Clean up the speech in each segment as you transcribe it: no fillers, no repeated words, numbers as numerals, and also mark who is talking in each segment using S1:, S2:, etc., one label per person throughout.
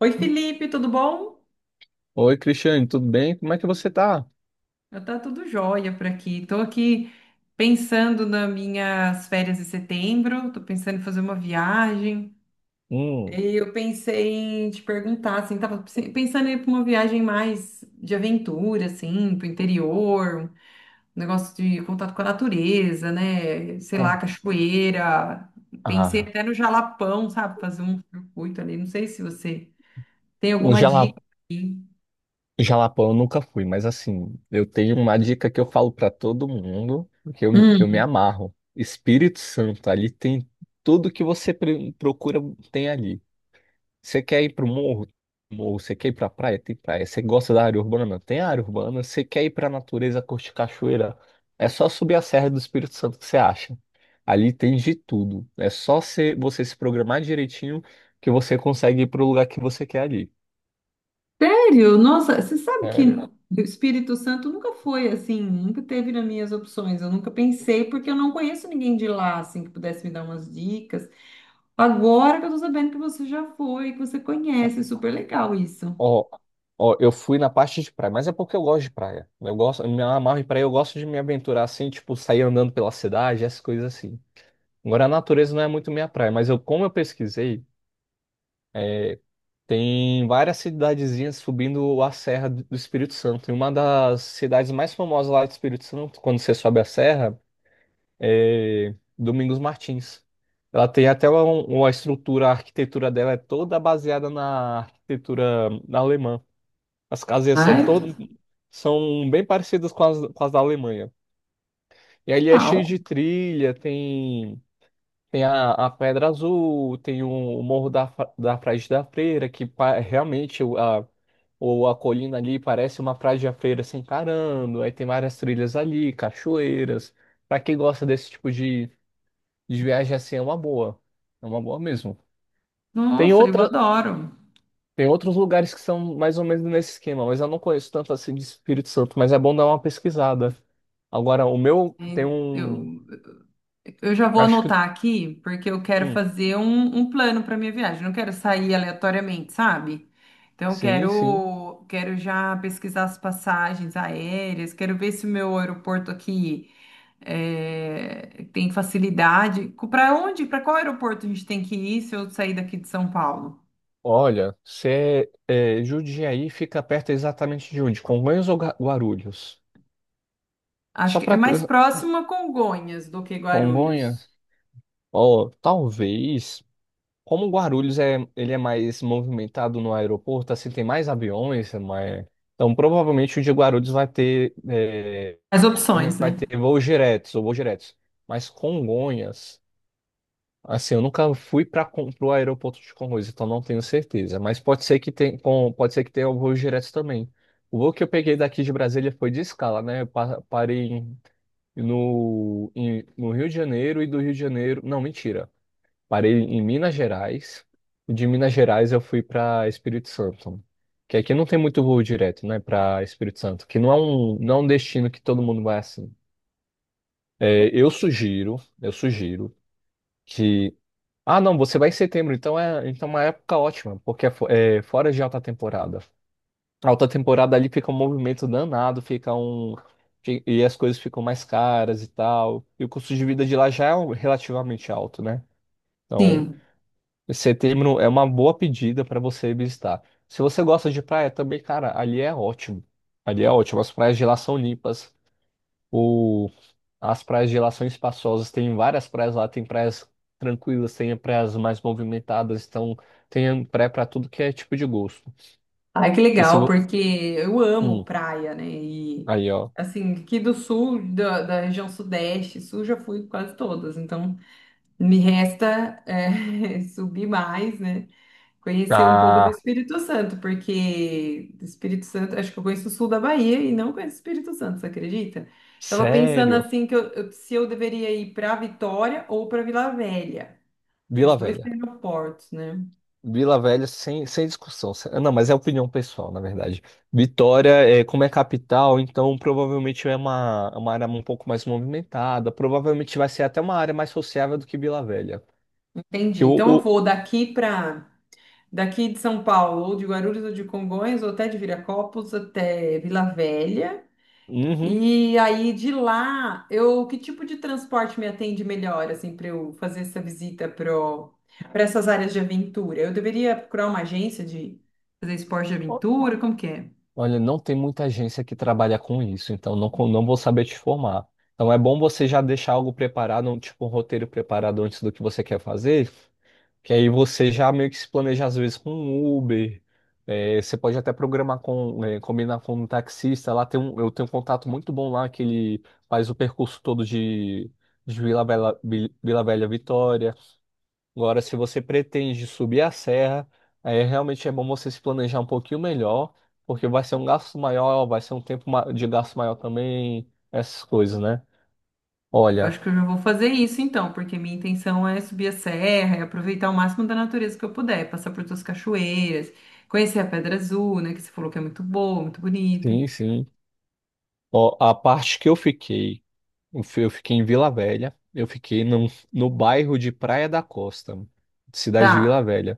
S1: Oi, Felipe, tudo bom?
S2: Oi, Cristiane, tudo bem? Como é que você tá?
S1: Eu tá tudo jóia por aqui. Tô aqui pensando nas minhas férias de setembro, tô pensando em fazer uma viagem.
S2: Hum.
S1: E eu pensei em te perguntar, assim, tava pensando em ir para uma viagem mais de aventura, assim, pro interior, um negócio de contato com a natureza, né? Sei lá, cachoeira. Pensei
S2: Ah.
S1: até no Jalapão, sabe? Fazer um circuito ali. Não sei se você tem
S2: um
S1: alguma
S2: jala,
S1: dica aqui.
S2: Jalapão eu nunca fui, mas assim, eu tenho uma dica que eu falo pra todo mundo, que eu me amarro. Espírito Santo, ali tem tudo que você procura, tem ali. Você quer ir pro morro? Morro. Você quer ir pra praia? Tem praia. Você gosta da área urbana? Tem área urbana. Você quer ir pra natureza, curtir cachoeira? É só subir a Serra do Espírito Santo que você acha. Ali tem de tudo. É só você se programar direitinho que você consegue ir pro lugar que você quer ali.
S1: Sério? Nossa, você sabe que
S2: Sério?
S1: o Espírito Santo nunca foi assim, nunca teve nas minhas opções. Eu nunca pensei, porque eu não conheço ninguém de lá, assim, que pudesse me dar umas dicas. Agora que eu tô sabendo que você já foi, que você conhece, super legal isso.
S2: Ó, ó, eu fui na parte de praia, mas é porque eu gosto de praia. Eu gosto, eu me amarro em praia, eu gosto de me aventurar assim, tipo, sair andando pela cidade, essas coisas assim. Agora, a natureza não é muito minha praia, mas eu, como eu pesquisei, tem várias cidadezinhas subindo a Serra do Espírito Santo. E uma das cidades mais famosas lá do Espírito Santo, quando você sobe a serra, é Domingos Martins. Ela tem até uma estrutura, a arquitetura dela é toda baseada na arquitetura alemã. As casinhas
S1: Ai,
S2: são bem parecidas com as da Alemanha. E ali é cheio
S1: uau.
S2: de trilha, tem a Pedra Azul, tem o Morro da Frade da Freira, que realmente a colina ali parece uma praia de feira se encarando, aí tem várias trilhas ali, cachoeiras. Pra quem gosta desse tipo de viagem assim, é uma boa. É uma boa mesmo. Tem
S1: Nossa, eu
S2: outra,
S1: adoro.
S2: tem outros lugares que são mais ou menos nesse esquema, mas eu não conheço tanto assim de Espírito Santo, mas é bom dar uma pesquisada. Agora, o meu tem
S1: É,
S2: um.
S1: eu já vou
S2: Acho que.
S1: anotar aqui, porque eu quero
S2: Hum.
S1: fazer um plano para minha viagem. Não quero sair aleatoriamente, sabe? Então, eu
S2: Sim, sim.
S1: quero, quero já pesquisar as passagens aéreas, quero ver se o meu aeroporto aqui tem facilidade. Para onde? Para qual aeroporto a gente tem que ir se eu sair daqui de São Paulo?
S2: Olha, se é, Jundiaí fica perto exatamente de onde? Congonhas ou Guarulhos?
S1: Acho
S2: Só
S1: que é
S2: para.
S1: mais próximo a Congonhas do que Guarulhos.
S2: Congonhas? Ó, talvez. Como Guarulhos é, ele é mais movimentado no aeroporto, assim, tem mais aviões, é mais... Então, provavelmente o de Guarulhos vai ter, é,
S1: As
S2: provavelmente
S1: opções,
S2: vai
S1: né?
S2: ter voos diretos ou voos diretos. Mas Congonhas, assim, eu nunca fui para o aeroporto de Congonhas, então não tenho certeza. Mas pode ser que tenha, pode ser que tenha voos diretos também. O voo que eu peguei daqui de Brasília foi de escala, né? Eu parei no Rio de Janeiro e do Rio de Janeiro. Não, mentira. Parei em Minas Gerais. E de Minas Gerais eu fui para Espírito Santo. Que aqui não tem muito voo direto, né, para Espírito Santo, que não é um destino que todo mundo vai assim. É, eu sugiro que ah, não, você vai em setembro, então é uma época ótima, porque é fora de alta temporada. A alta temporada ali fica um movimento danado, e as coisas ficam mais caras e tal. E o custo de vida de lá já é relativamente alto, né? Então,
S1: Sim.
S2: setembro é uma boa pedida para você visitar. Se você gosta de praia também, cara, ali é ótimo. Ali é ótimo. As praias de lá são limpas. O... As praias de lá são espaçosas. Tem várias praias lá. Tem praias tranquilas, tem praias mais movimentadas. Então, tem praia para tudo que é tipo de gosto.
S1: Ai, que
S2: E se
S1: legal,
S2: vo...
S1: porque eu amo
S2: Hum.
S1: praia, né? E
S2: Aí, ó.
S1: assim, aqui do sul, da região sudeste, sul já fui quase todas, então me resta subir mais, né? Conhecer um pouco do
S2: Ah,
S1: Espírito Santo, porque do Espírito Santo, acho que eu conheço o sul da Bahia e não conheço o Espírito Santo, você acredita? Tava pensando
S2: sério?
S1: assim que se eu deveria ir para Vitória ou para Vila Velha, que os
S2: Vila
S1: dois
S2: Velha.
S1: têm aeroportos, né?
S2: Vila Velha, sem discussão. Não, mas é opinião pessoal, na verdade. Vitória, é, como é capital, então provavelmente é uma área um pouco mais movimentada. Provavelmente vai ser até uma área mais sociável do que Vila Velha. Que
S1: Entendi.
S2: o,
S1: Então eu
S2: o-
S1: vou daqui para daqui de São Paulo, ou de Guarulhos, ou de Congonhas, ou até de Viracopos, até Vila Velha.
S2: Uhum.
S1: E aí de lá, eu que tipo de transporte me atende melhor, assim, para eu fazer essa visita para essas áreas de aventura? Eu deveria procurar uma agência de fazer esporte de aventura? Como que é?
S2: Olha, não tem muita agência que trabalha com isso, então não vou saber te formar. Então é bom você já deixar algo preparado, tipo um roteiro preparado antes do que você quer fazer, que aí você já meio que se planeja às vezes com um Uber. É, você pode até programar combinar com um taxista. Eu tenho um contato muito bom lá que ele faz o percurso todo de Vila Velha, Vitória. Agora, se você pretende subir a serra, aí realmente é bom você se planejar um pouquinho melhor, porque vai ser um gasto maior, vai ser um tempo de gasto maior também, essas coisas, né?
S1: Eu
S2: Olha,
S1: acho que eu já vou fazer isso então, porque minha intenção é subir a serra, é aproveitar o máximo da natureza que eu puder, passar por todas as cachoeiras, conhecer a Pedra Azul, né, que você falou que é muito boa, muito bonita.
S2: sim, sim. Ó, a parte que eu fiquei. Eu fiquei em Vila Velha. Eu fiquei no bairro de Praia da Costa, cidade de Vila
S1: Tá.
S2: Velha.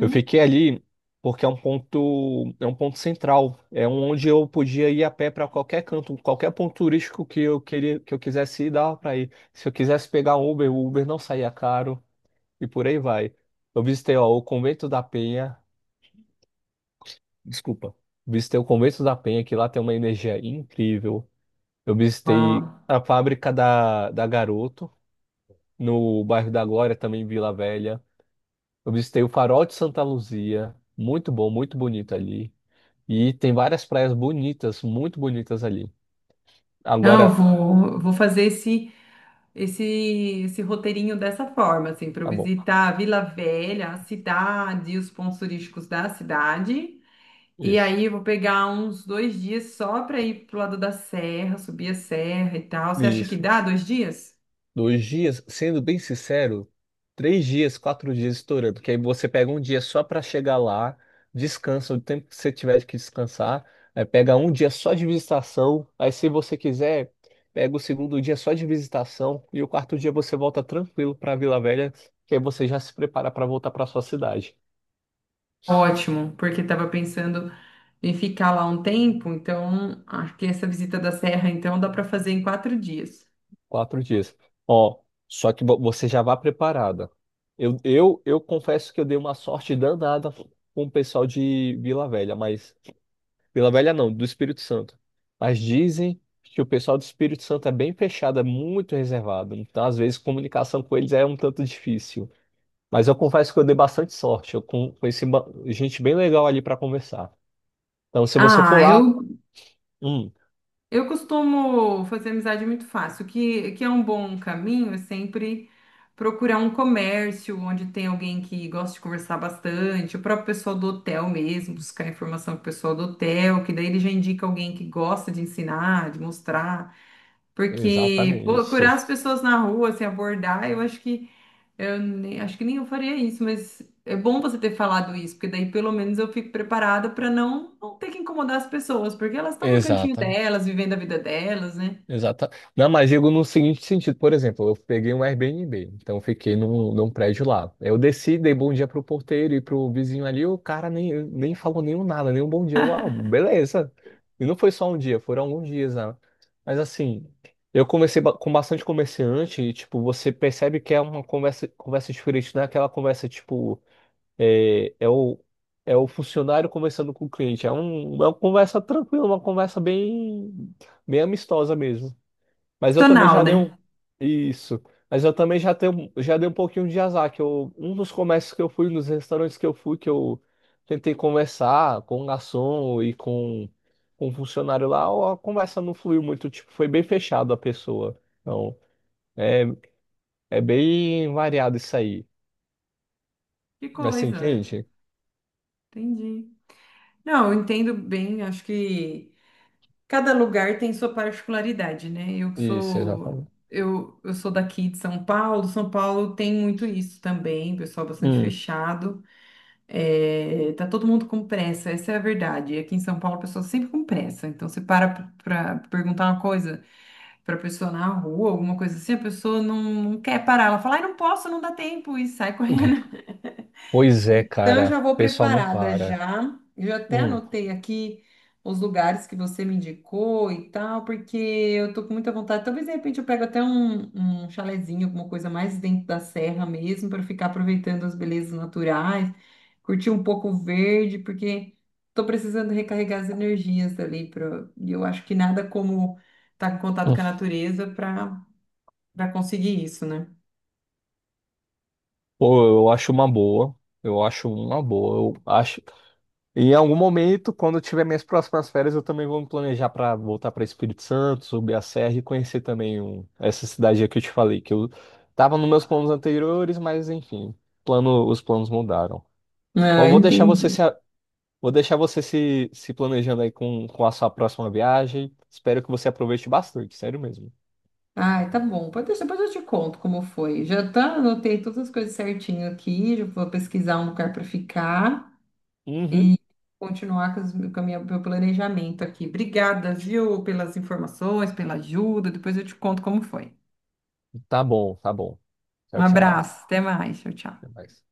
S2: Eu fiquei ali porque é um ponto central. Onde eu podia ir a pé para qualquer canto, qualquer ponto turístico que eu quisesse ir, dava para ir. Se eu quisesse pegar um Uber, o Uber não saía caro e por aí vai. Eu visitei, ó, o Convento da Penha. Desculpa. Visitei o Convento da Penha, que lá tem uma energia incrível. Eu
S1: Uau.
S2: visitei a fábrica da Garoto no bairro da Glória, também em Vila Velha. Eu visitei o Farol de Santa Luzia, muito bom, muito bonito ali. E tem várias praias bonitas, muito bonitas ali.
S1: Não, eu
S2: Agora,
S1: vou, vou fazer esse, esse roteirinho dessa forma, assim, para eu
S2: tá bom,
S1: visitar a Vila Velha, a cidade, os pontos turísticos da cidade. E
S2: isso.
S1: aí eu vou pegar uns dois dias só para ir pro lado da serra, subir a serra e tal. Você acha que
S2: Isso.
S1: dá dois dias?
S2: Dois dias, sendo bem sincero, três dias, quatro dias estourando, porque aí você pega um dia só para chegar lá, descansa o tempo que você tiver que descansar, aí pega um dia só de visitação, aí se você quiser, pega o segundo dia só de visitação e o quarto dia você volta tranquilo para Vila Velha, que aí você já se prepara para voltar para sua cidade.
S1: Ótimo, porque estava pensando em ficar lá um tempo, então acho que essa visita da serra, então, dá para fazer em quatro dias.
S2: Quatro dias. Ó, só que você já vá preparada. Eu confesso que eu dei uma sorte danada com o pessoal de Vila Velha, mas Vila Velha não, do Espírito Santo. Mas dizem que o pessoal do Espírito Santo é bem fechado, é muito reservado. Então, às vezes, comunicação com eles é um tanto difícil. Mas eu confesso que eu dei bastante sorte. Eu conheci gente bem legal ali para conversar. Então, se você for
S1: Ah,
S2: lá.
S1: eu
S2: Hum.
S1: Eu costumo fazer amizade muito fácil, que é um bom caminho, é sempre procurar um comércio onde tem alguém que gosta de conversar bastante, o próprio pessoal do hotel mesmo, buscar informação com o pessoal do hotel, que daí ele já indica alguém que gosta de ensinar, de mostrar, porque procurar
S2: Exatamente.
S1: as pessoas na rua, se abordar, eu acho que eu nem, acho que nem eu faria isso, mas é bom você ter falado isso, porque daí pelo menos eu fico preparada para não, não ter que incomodar as pessoas, porque elas estão no cantinho
S2: Exata.
S1: delas, vivendo a vida delas, né?
S2: Exata. Não, mas digo no seguinte sentido, por exemplo, eu peguei um Airbnb, então eu fiquei num prédio lá. Eu desci, dei bom dia pro porteiro e pro vizinho ali, o cara nem falou nenhum nada, nenhum bom dia. Uau, beleza. E não foi só um dia, foram alguns dias, né? Mas assim, eu comecei com bastante comerciante e, tipo, você percebe que é uma conversa diferente, não é aquela conversa, tipo, é, é o, é o funcionário conversando com o cliente. É uma conversa tranquila, uma conversa bem amistosa mesmo. Mas eu também
S1: Tonal,
S2: já dei um.
S1: né?
S2: Isso. Mas eu também já dei um pouquinho de azar, um dos comércios que eu fui, nos restaurantes que eu fui, que eu tentei conversar com o garçom e com o funcionário lá, a conversa não fluiu muito, tipo, foi bem fechado a pessoa. Então, é, é bem variado isso aí.
S1: Que
S2: Mas você
S1: coisa.
S2: entende?
S1: Entendi. Não, eu entendo bem, acho que cada lugar tem sua particularidade, né?
S2: Isso, exatamente.
S1: Eu sou daqui de São Paulo, São Paulo tem muito isso também, pessoal bastante
S2: Hum.
S1: fechado. É, tá todo mundo com pressa, essa é a verdade. Aqui em São Paulo, a pessoa sempre com pressa. Então, você para perguntar uma coisa para pessoa na rua, alguma coisa assim, a pessoa não, não quer parar. Ela fala, ai, não posso, não dá tempo, e sai correndo.
S2: Pois é,
S1: Então, eu
S2: cara.
S1: já vou
S2: O pessoal não
S1: preparada
S2: para.
S1: já. Eu já até
S2: Hum.
S1: anotei aqui os lugares que você me indicou e tal, porque eu tô com muita vontade. Talvez, de repente, eu pego até um chalezinho, alguma coisa mais dentro da serra mesmo, para ficar aproveitando as belezas naturais, curtir um pouco o verde, porque tô precisando recarregar as energias ali. Pra... E eu acho que nada como estar em contato
S2: Hum.
S1: com a natureza para conseguir isso, né?
S2: Pô, eu acho uma boa. Eu acho uma boa. Eu acho. Em algum momento, quando eu tiver minhas próximas férias, eu também vou me planejar para voltar para Espírito Santo, subir a serra e conhecer também essa cidade aí que eu te falei, que eu tava nos meus planos anteriores, mas enfim, os planos mudaram. Bom, eu
S1: Ah,
S2: vou deixar você
S1: entendi.
S2: se, a- vou deixar você se planejando aí com a sua próxima viagem. Espero que você aproveite bastante, sério mesmo.
S1: Ai, tá bom. Pode deixar, depois eu te conto como foi. Já tá, anotei todas as coisas certinho aqui. Já vou pesquisar um lugar para ficar
S2: Uhum.
S1: e continuar com meu planejamento aqui. Obrigada, viu, pelas informações, pela ajuda. Depois eu te conto como foi.
S2: Tá bom, tá bom.
S1: Um
S2: Tchau, tchau.
S1: abraço, até mais. Tchau, tchau.
S2: Até mais.